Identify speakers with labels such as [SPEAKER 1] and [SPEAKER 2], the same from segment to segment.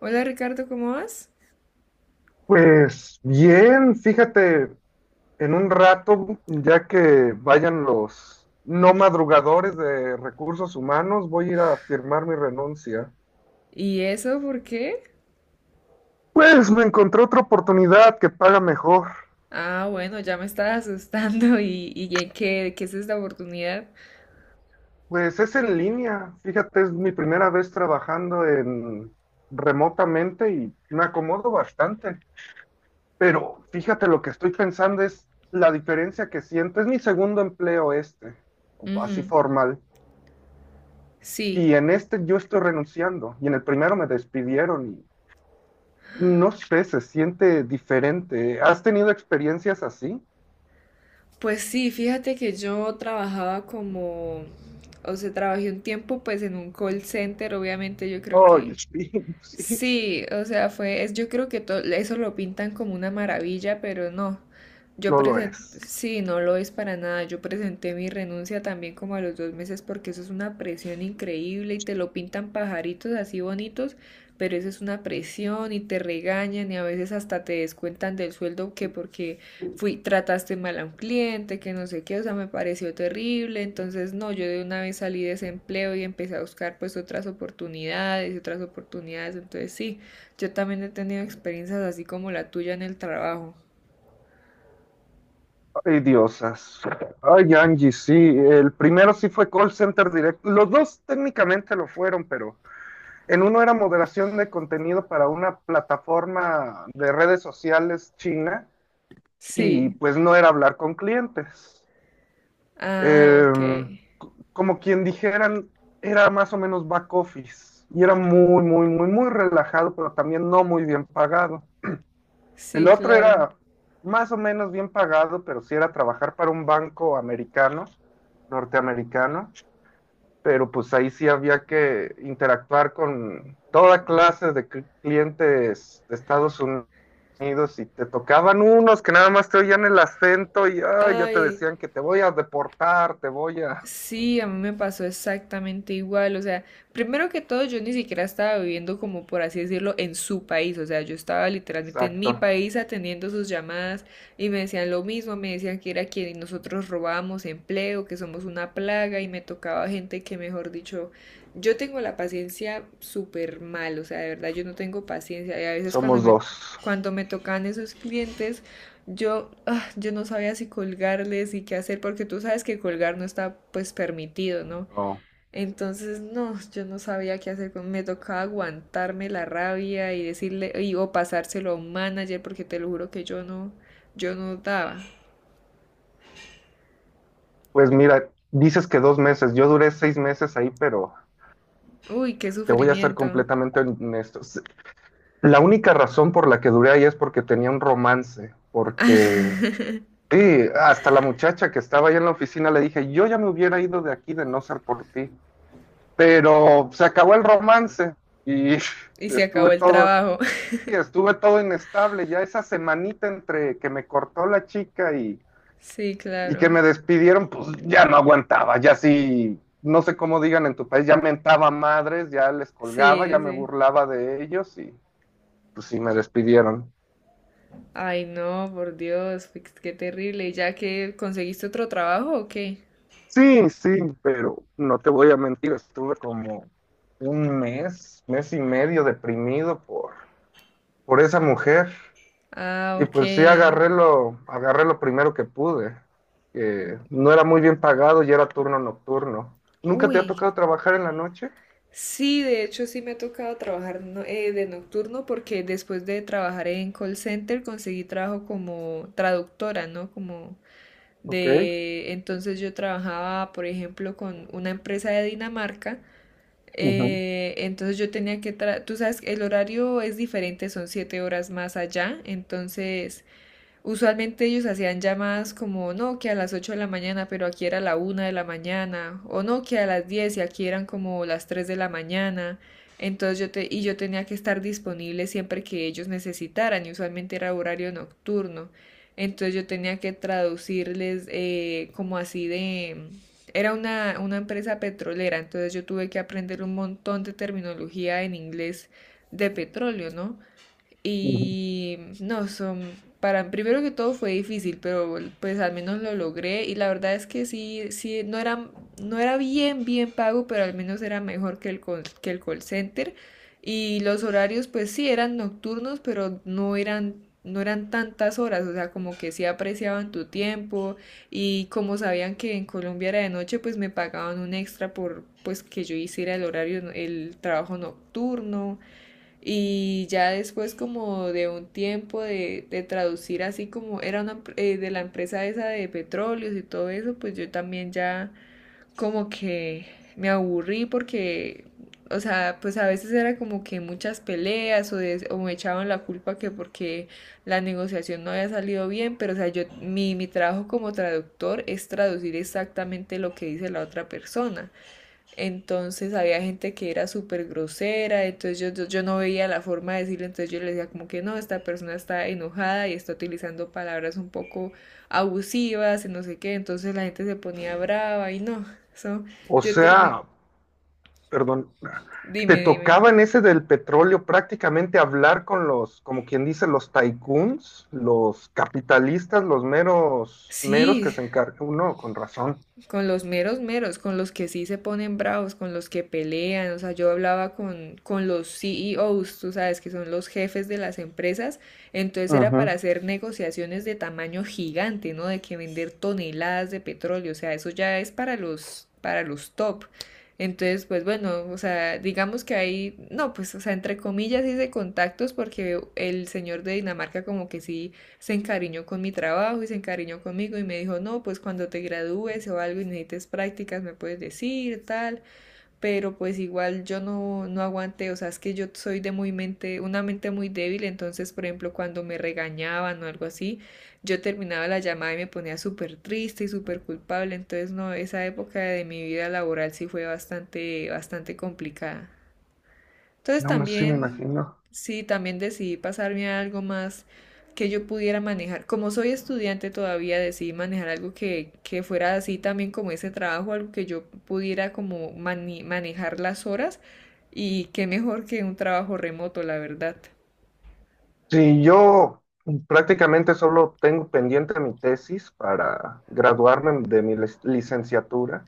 [SPEAKER 1] Hola Ricardo, ¿cómo vas?
[SPEAKER 2] Pues bien, fíjate, en un rato, ya que vayan los no madrugadores de recursos humanos, voy a ir a firmar mi renuncia.
[SPEAKER 1] ¿Y eso por qué?
[SPEAKER 2] Pues me encontré otra oportunidad que paga mejor.
[SPEAKER 1] Ah, bueno, ya me estás asustando ¿Y qué es esta oportunidad?
[SPEAKER 2] Pues es en línea, fíjate, es mi primera vez trabajando en remotamente y me acomodo bastante. Pero fíjate, lo que estoy pensando es la diferencia que siento. Es mi segundo empleo este, así
[SPEAKER 1] Ujú.
[SPEAKER 2] formal.
[SPEAKER 1] Sí,
[SPEAKER 2] Y en este yo estoy renunciando y en el primero me despidieron y no sé, se siente diferente. ¿Has tenido experiencias así?
[SPEAKER 1] pues sí, fíjate que yo trabajaba como, o sea, trabajé un tiempo pues en un call center, obviamente yo creo
[SPEAKER 2] Ay,
[SPEAKER 1] que...
[SPEAKER 2] sí, sí,
[SPEAKER 1] Sí, o sea, es, yo creo que eso lo pintan como una maravilla, pero no. Yo
[SPEAKER 2] no lo
[SPEAKER 1] presenté,
[SPEAKER 2] es.
[SPEAKER 1] sí, no lo es para nada. Yo presenté mi renuncia también como a los 2 meses porque eso es una presión increíble y te lo pintan pajaritos así bonitos, pero eso es una presión y te regañan y a veces hasta te descuentan del sueldo que porque fui, trataste mal a un cliente, que no sé qué, o sea, me pareció terrible. Entonces, no, yo de una vez salí de ese empleo y empecé a buscar pues otras oportunidades, otras oportunidades. Entonces, sí, yo también he tenido experiencias así como la tuya en el trabajo.
[SPEAKER 2] Ay, diosas. Ay, Angie, sí. El primero sí fue call center directo. Los dos técnicamente lo fueron, pero en uno era moderación de contenido para una plataforma de redes sociales china y
[SPEAKER 1] Sí.
[SPEAKER 2] pues no era hablar con clientes.
[SPEAKER 1] Ah,
[SPEAKER 2] eh,
[SPEAKER 1] ok.
[SPEAKER 2] Como quien dijeran, era más o menos back office y era muy, muy, muy, muy relajado, pero también no muy bien pagado. El
[SPEAKER 1] Sí,
[SPEAKER 2] otro
[SPEAKER 1] claro.
[SPEAKER 2] era más o menos bien pagado, pero sí era trabajar para un banco americano, norteamericano, pero pues ahí sí había que interactuar con toda clase de clientes de Estados Unidos y te tocaban unos que nada más te oían el acento y ay, ya te
[SPEAKER 1] Ay,
[SPEAKER 2] decían que te voy a deportar, te voy a...
[SPEAKER 1] sí, a mí me pasó exactamente igual. O sea, primero que todo, yo ni siquiera estaba viviendo como por así decirlo en su país. O sea, yo estaba literalmente en mi
[SPEAKER 2] Exacto,
[SPEAKER 1] país atendiendo sus llamadas y me decían lo mismo, me decían que era que nosotros robábamos empleo, que somos una plaga y me tocaba gente que, mejor dicho, yo tengo la paciencia súper mal. O sea, de verdad, yo no tengo paciencia y a veces cuando
[SPEAKER 2] somos
[SPEAKER 1] me,
[SPEAKER 2] dos.
[SPEAKER 1] cuando me tocan esos clientes... Yo no sabía si colgarles y qué hacer, porque tú sabes que colgar no está pues permitido, ¿no?
[SPEAKER 2] No.
[SPEAKER 1] Entonces, no, yo no sabía qué hacer con, me tocaba aguantarme la rabia y decirle, o pasárselo a un manager, porque te lo juro que yo no daba.
[SPEAKER 2] Pues mira, dices que dos meses, yo duré seis meses ahí, pero
[SPEAKER 1] Uy, qué
[SPEAKER 2] te voy a ser
[SPEAKER 1] sufrimiento.
[SPEAKER 2] completamente honesto. La única razón por la que duré ahí es porque tenía un romance, porque sí, hasta la muchacha que estaba ahí en la oficina le dije, yo ya me hubiera ido de aquí de no ser por ti, pero se acabó el romance y
[SPEAKER 1] Y se
[SPEAKER 2] estuve
[SPEAKER 1] acabó el
[SPEAKER 2] todo,
[SPEAKER 1] trabajo.
[SPEAKER 2] sí, estuve todo inestable, ya esa semanita entre que me cortó la chica y
[SPEAKER 1] Sí,
[SPEAKER 2] y que
[SPEAKER 1] claro.
[SPEAKER 2] me despidieron, pues ya no aguantaba, ya sí, no sé cómo digan en tu país, ya mentaba madres, ya les
[SPEAKER 1] Sí,
[SPEAKER 2] colgaba, ya
[SPEAKER 1] sí.
[SPEAKER 2] me
[SPEAKER 1] Sí.
[SPEAKER 2] burlaba de ellos y pues sí me despidieron.
[SPEAKER 1] Ay, no, por Dios, qué terrible. ¿Y ya que conseguiste otro trabajo o qué?
[SPEAKER 2] Sí, sí, pero no te voy a mentir, estuve como un mes, mes y medio deprimido por esa mujer
[SPEAKER 1] Ah,
[SPEAKER 2] y
[SPEAKER 1] ok.
[SPEAKER 2] pues sí agarré lo primero que pude, que no era muy bien pagado y era turno nocturno. ¿Nunca te ha
[SPEAKER 1] Uy,
[SPEAKER 2] tocado trabajar en la noche?
[SPEAKER 1] sí, de hecho sí me ha tocado trabajar de nocturno porque después de trabajar en call center conseguí trabajo como traductora, ¿no? Como
[SPEAKER 2] Ok.
[SPEAKER 1] de... Entonces yo trabajaba, por ejemplo, con una empresa de Dinamarca.
[SPEAKER 2] Ujú,
[SPEAKER 1] Eh, entonces yo tenía que... Tú sabes, el horario es diferente, son 7 horas más allá. Entonces usualmente ellos hacían llamadas como no, que a las 8 de la mañana, pero aquí era la 1 de la mañana, o no, que a las 10 y aquí eran como las 3 de la mañana. Entonces y yo tenía que estar disponible siempre que ellos necesitaran, y usualmente era horario nocturno. Entonces yo tenía que traducirles como así de... Era una empresa petrolera, entonces yo tuve que aprender un montón de terminología en inglés de petróleo, ¿no?
[SPEAKER 2] ujú.
[SPEAKER 1] Y no, son, para primero que todo fue difícil, pero pues al menos lo logré y la verdad es que sí, sí, no era, no era bien, bien pago, pero al menos era mejor que el call center. Y los horarios pues sí eran nocturnos, pero no eran, no eran tantas horas, o sea, como que sí apreciaban tu tiempo y como sabían que en Colombia era de noche, pues me pagaban un extra por pues que yo hiciera el horario, el trabajo nocturno. Y ya después como de un tiempo de, traducir así como era una de la empresa esa de petróleos y todo eso, pues yo también ya como que me aburrí porque, o sea, pues a veces era como que muchas peleas o, de- o me echaban la culpa que porque la negociación no había salido bien, pero o sea, yo mi, trabajo como traductor es traducir exactamente lo que dice la otra persona. Entonces había gente que era súper grosera, entonces yo no veía la forma de decirle, entonces yo le decía como que no, esta persona está enojada y está utilizando palabras un poco abusivas y no sé qué, entonces la gente se ponía brava y no, eso,
[SPEAKER 2] O
[SPEAKER 1] yo terminé,
[SPEAKER 2] sea, perdón, te
[SPEAKER 1] dime, dime.
[SPEAKER 2] tocaba en ese del petróleo prácticamente hablar con los, como quien dice, los tycoons, los capitalistas, los meros, meros que
[SPEAKER 1] Sí,
[SPEAKER 2] se encargan. Uno, con razón.
[SPEAKER 1] con los meros meros, con los que sí se ponen bravos, con los que pelean, o sea, yo hablaba con los CEOs, tú sabes, que son los jefes de las empresas, entonces era para
[SPEAKER 2] Ujú.
[SPEAKER 1] hacer negociaciones de tamaño gigante, ¿no? De que vender toneladas de petróleo, o sea, eso ya es para los top. Entonces, pues bueno, o sea, digamos que hay, no, pues, o sea, entre comillas hice contactos porque el señor de Dinamarca como que sí se encariñó con mi trabajo y se encariñó conmigo y me dijo, no, pues cuando te gradúes o algo y necesites prácticas me puedes decir, tal, pero pues igual yo no, no aguanté, o sea, es que yo soy de muy mente, una mente muy débil, entonces, por ejemplo, cuando me regañaban o algo así, yo terminaba la llamada y me ponía súper triste y súper culpable, entonces, no, esa época de mi vida laboral sí fue bastante, bastante complicada. Entonces
[SPEAKER 2] No, me sí me
[SPEAKER 1] también,
[SPEAKER 2] imagino.
[SPEAKER 1] sí, también decidí pasarme a algo más que yo pudiera manejar. Como soy estudiante todavía, decidí manejar algo que fuera así también como ese trabajo, algo que yo pudiera como manejar las horas y qué mejor que un trabajo remoto, la verdad.
[SPEAKER 2] Sí, yo prácticamente solo tengo pendiente mi tesis para graduarme de mi licenciatura.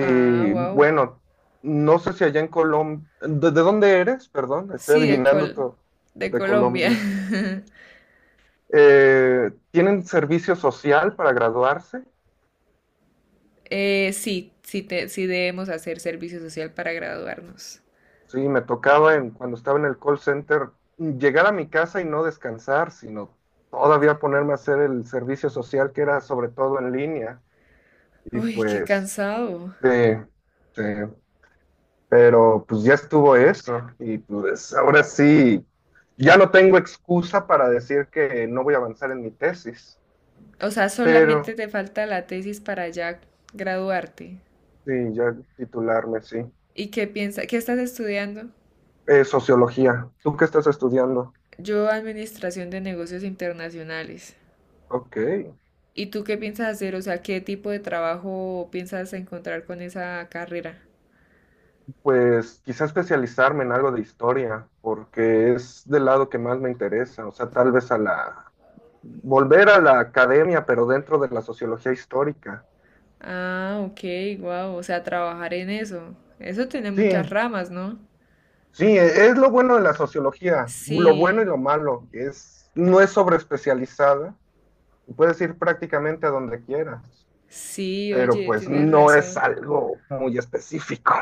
[SPEAKER 1] Ah, wow.
[SPEAKER 2] bueno, no sé si allá en Colombia, de dónde eres? Perdón, estoy
[SPEAKER 1] Sí,
[SPEAKER 2] adivinando todo.
[SPEAKER 1] De
[SPEAKER 2] De
[SPEAKER 1] Colombia.
[SPEAKER 2] Colombia. Tienen servicio social para graduarse.
[SPEAKER 1] Sí, sí, sí debemos hacer servicio social para graduarnos.
[SPEAKER 2] Sí, me tocaba en, cuando estaba en el call center llegar a mi casa y no descansar, sino todavía ponerme a hacer el servicio social que era sobre todo en línea. Y
[SPEAKER 1] Uy, qué
[SPEAKER 2] pues,
[SPEAKER 1] cansado.
[SPEAKER 2] sí, sí, pero pues ya estuvo eso. Y pues ahora sí, ya no tengo excusa para decir que no voy a avanzar en mi tesis,
[SPEAKER 1] O sea,
[SPEAKER 2] pero
[SPEAKER 1] solamente te falta la tesis para ya graduarte.
[SPEAKER 2] sí, ya titularme, sí.
[SPEAKER 1] ¿Y qué piensas? ¿Qué estás estudiando?
[SPEAKER 2] Sociología. ¿Tú qué estás estudiando?
[SPEAKER 1] Yo, Administración de Negocios Internacionales.
[SPEAKER 2] Ok.
[SPEAKER 1] ¿Y tú qué piensas hacer? O sea, ¿qué tipo de trabajo piensas encontrar con esa carrera?
[SPEAKER 2] Pues quizá especializarme en algo de historia, porque es del lado que más me interesa, o sea, tal vez volver a la academia, pero dentro de la sociología histórica.
[SPEAKER 1] Ah, ok, wow. O sea, trabajar en eso. Eso tiene
[SPEAKER 2] Sí,
[SPEAKER 1] muchas ramas, ¿no?
[SPEAKER 2] sí, es lo bueno de la sociología, lo bueno y
[SPEAKER 1] Sí,
[SPEAKER 2] lo malo, que es, no es sobreespecializada, y puedes ir prácticamente a donde quieras,
[SPEAKER 1] sí,
[SPEAKER 2] pero
[SPEAKER 1] oye,
[SPEAKER 2] pues
[SPEAKER 1] tienes
[SPEAKER 2] no es
[SPEAKER 1] razón.
[SPEAKER 2] algo muy específico.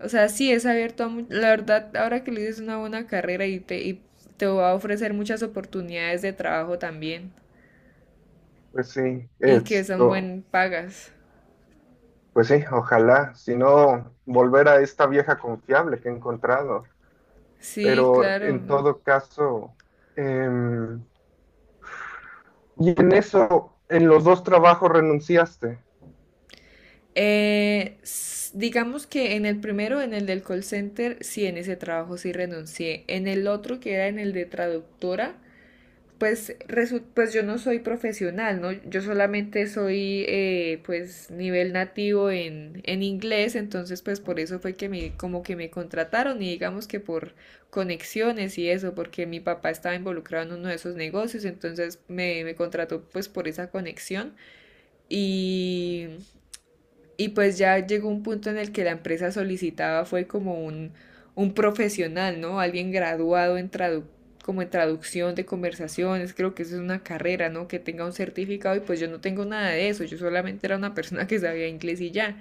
[SPEAKER 1] O sea, sí es abierto a... La verdad, ahora que le dices es una buena carrera y te va a ofrecer muchas oportunidades de trabajo también.
[SPEAKER 2] Pues sí,
[SPEAKER 1] Y que son
[SPEAKER 2] esto,
[SPEAKER 1] buen pagas.
[SPEAKER 2] pues sí, ojalá, si no, volver a esta vieja confiable que he encontrado.
[SPEAKER 1] Sí,
[SPEAKER 2] Pero en
[SPEAKER 1] claro.
[SPEAKER 2] todo caso, em, y en eso, en los dos trabajos renunciaste.
[SPEAKER 1] Digamos que en el primero, en el del call center, sí, en ese trabajo sí renuncié. En el otro, que era en el de traductora, pues, pues yo no soy profesional, ¿no? Yo solamente soy pues nivel nativo en inglés, entonces pues por eso fue que me, como que me contrataron y digamos que por conexiones y eso, porque mi papá estaba involucrado en uno de esos negocios, entonces me, contrató pues por esa conexión y y pues ya llegó un punto en el que la empresa solicitaba fue como un profesional, ¿no? Alguien graduado en tradu como en traducción de conversaciones, creo que eso es una carrera, ¿no? Que tenga un certificado y pues yo no tengo nada de eso, yo solamente era una persona que sabía inglés y ya.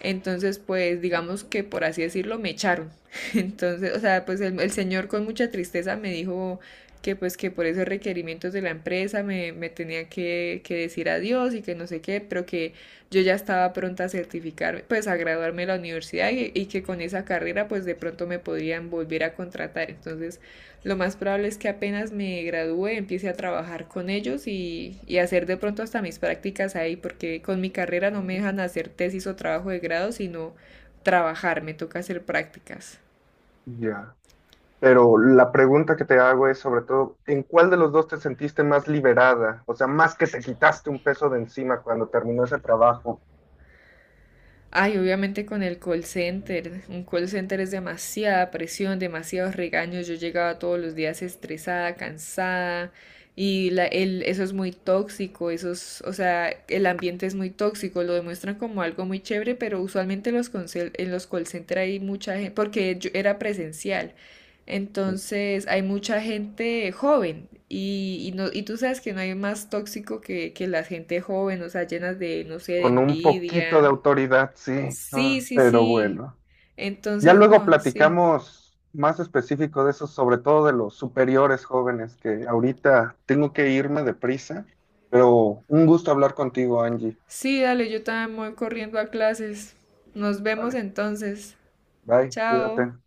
[SPEAKER 1] Entonces, pues digamos que por así decirlo, me echaron. Entonces, o sea, pues el señor con mucha tristeza me dijo que pues que por esos requerimientos de la empresa me tenía que decir adiós y que no sé qué, pero que yo ya estaba pronta a certificarme, pues a graduarme de la universidad y que con esa carrera pues de pronto me podrían volver a contratar. Entonces, lo más probable es que apenas me gradúe empiece a trabajar con ellos y hacer de pronto hasta mis prácticas ahí, porque con mi carrera no me
[SPEAKER 2] Mm.
[SPEAKER 1] dejan hacer tesis o trabajo de grado, sino trabajar, me toca hacer prácticas.
[SPEAKER 2] Ya. Pero la pregunta que te hago es sobre todo, ¿en cuál de los dos te sentiste más liberada? O sea, más que te quitaste un peso de encima cuando terminó ese trabajo,
[SPEAKER 1] Ay, obviamente con el call center. Un call center es demasiada presión, demasiados regaños. Yo llegaba todos los días estresada, cansada. Y eso es muy tóxico, o sea, el ambiente es muy tóxico, lo demuestran como algo muy chévere, pero usualmente los en los call center hay mucha gente, porque yo era presencial, entonces hay mucha gente joven y no, y tú sabes que no hay más tóxico que, la gente joven, o sea, llenas de, no sé, de
[SPEAKER 2] con un poquito de
[SPEAKER 1] envidia.
[SPEAKER 2] autoridad, sí.
[SPEAKER 1] Sí,
[SPEAKER 2] Ah,
[SPEAKER 1] sí,
[SPEAKER 2] pero
[SPEAKER 1] sí.
[SPEAKER 2] bueno. Ya
[SPEAKER 1] Entonces,
[SPEAKER 2] luego
[SPEAKER 1] no, sí.
[SPEAKER 2] platicamos más específico de eso, sobre todo de los superiores jóvenes, que ahorita tengo que irme deprisa, pero un gusto hablar contigo, Angie.
[SPEAKER 1] Sí, dale, yo también voy corriendo a clases. Nos vemos
[SPEAKER 2] Vale,
[SPEAKER 1] entonces.
[SPEAKER 2] bye,
[SPEAKER 1] Chao.
[SPEAKER 2] cuídate.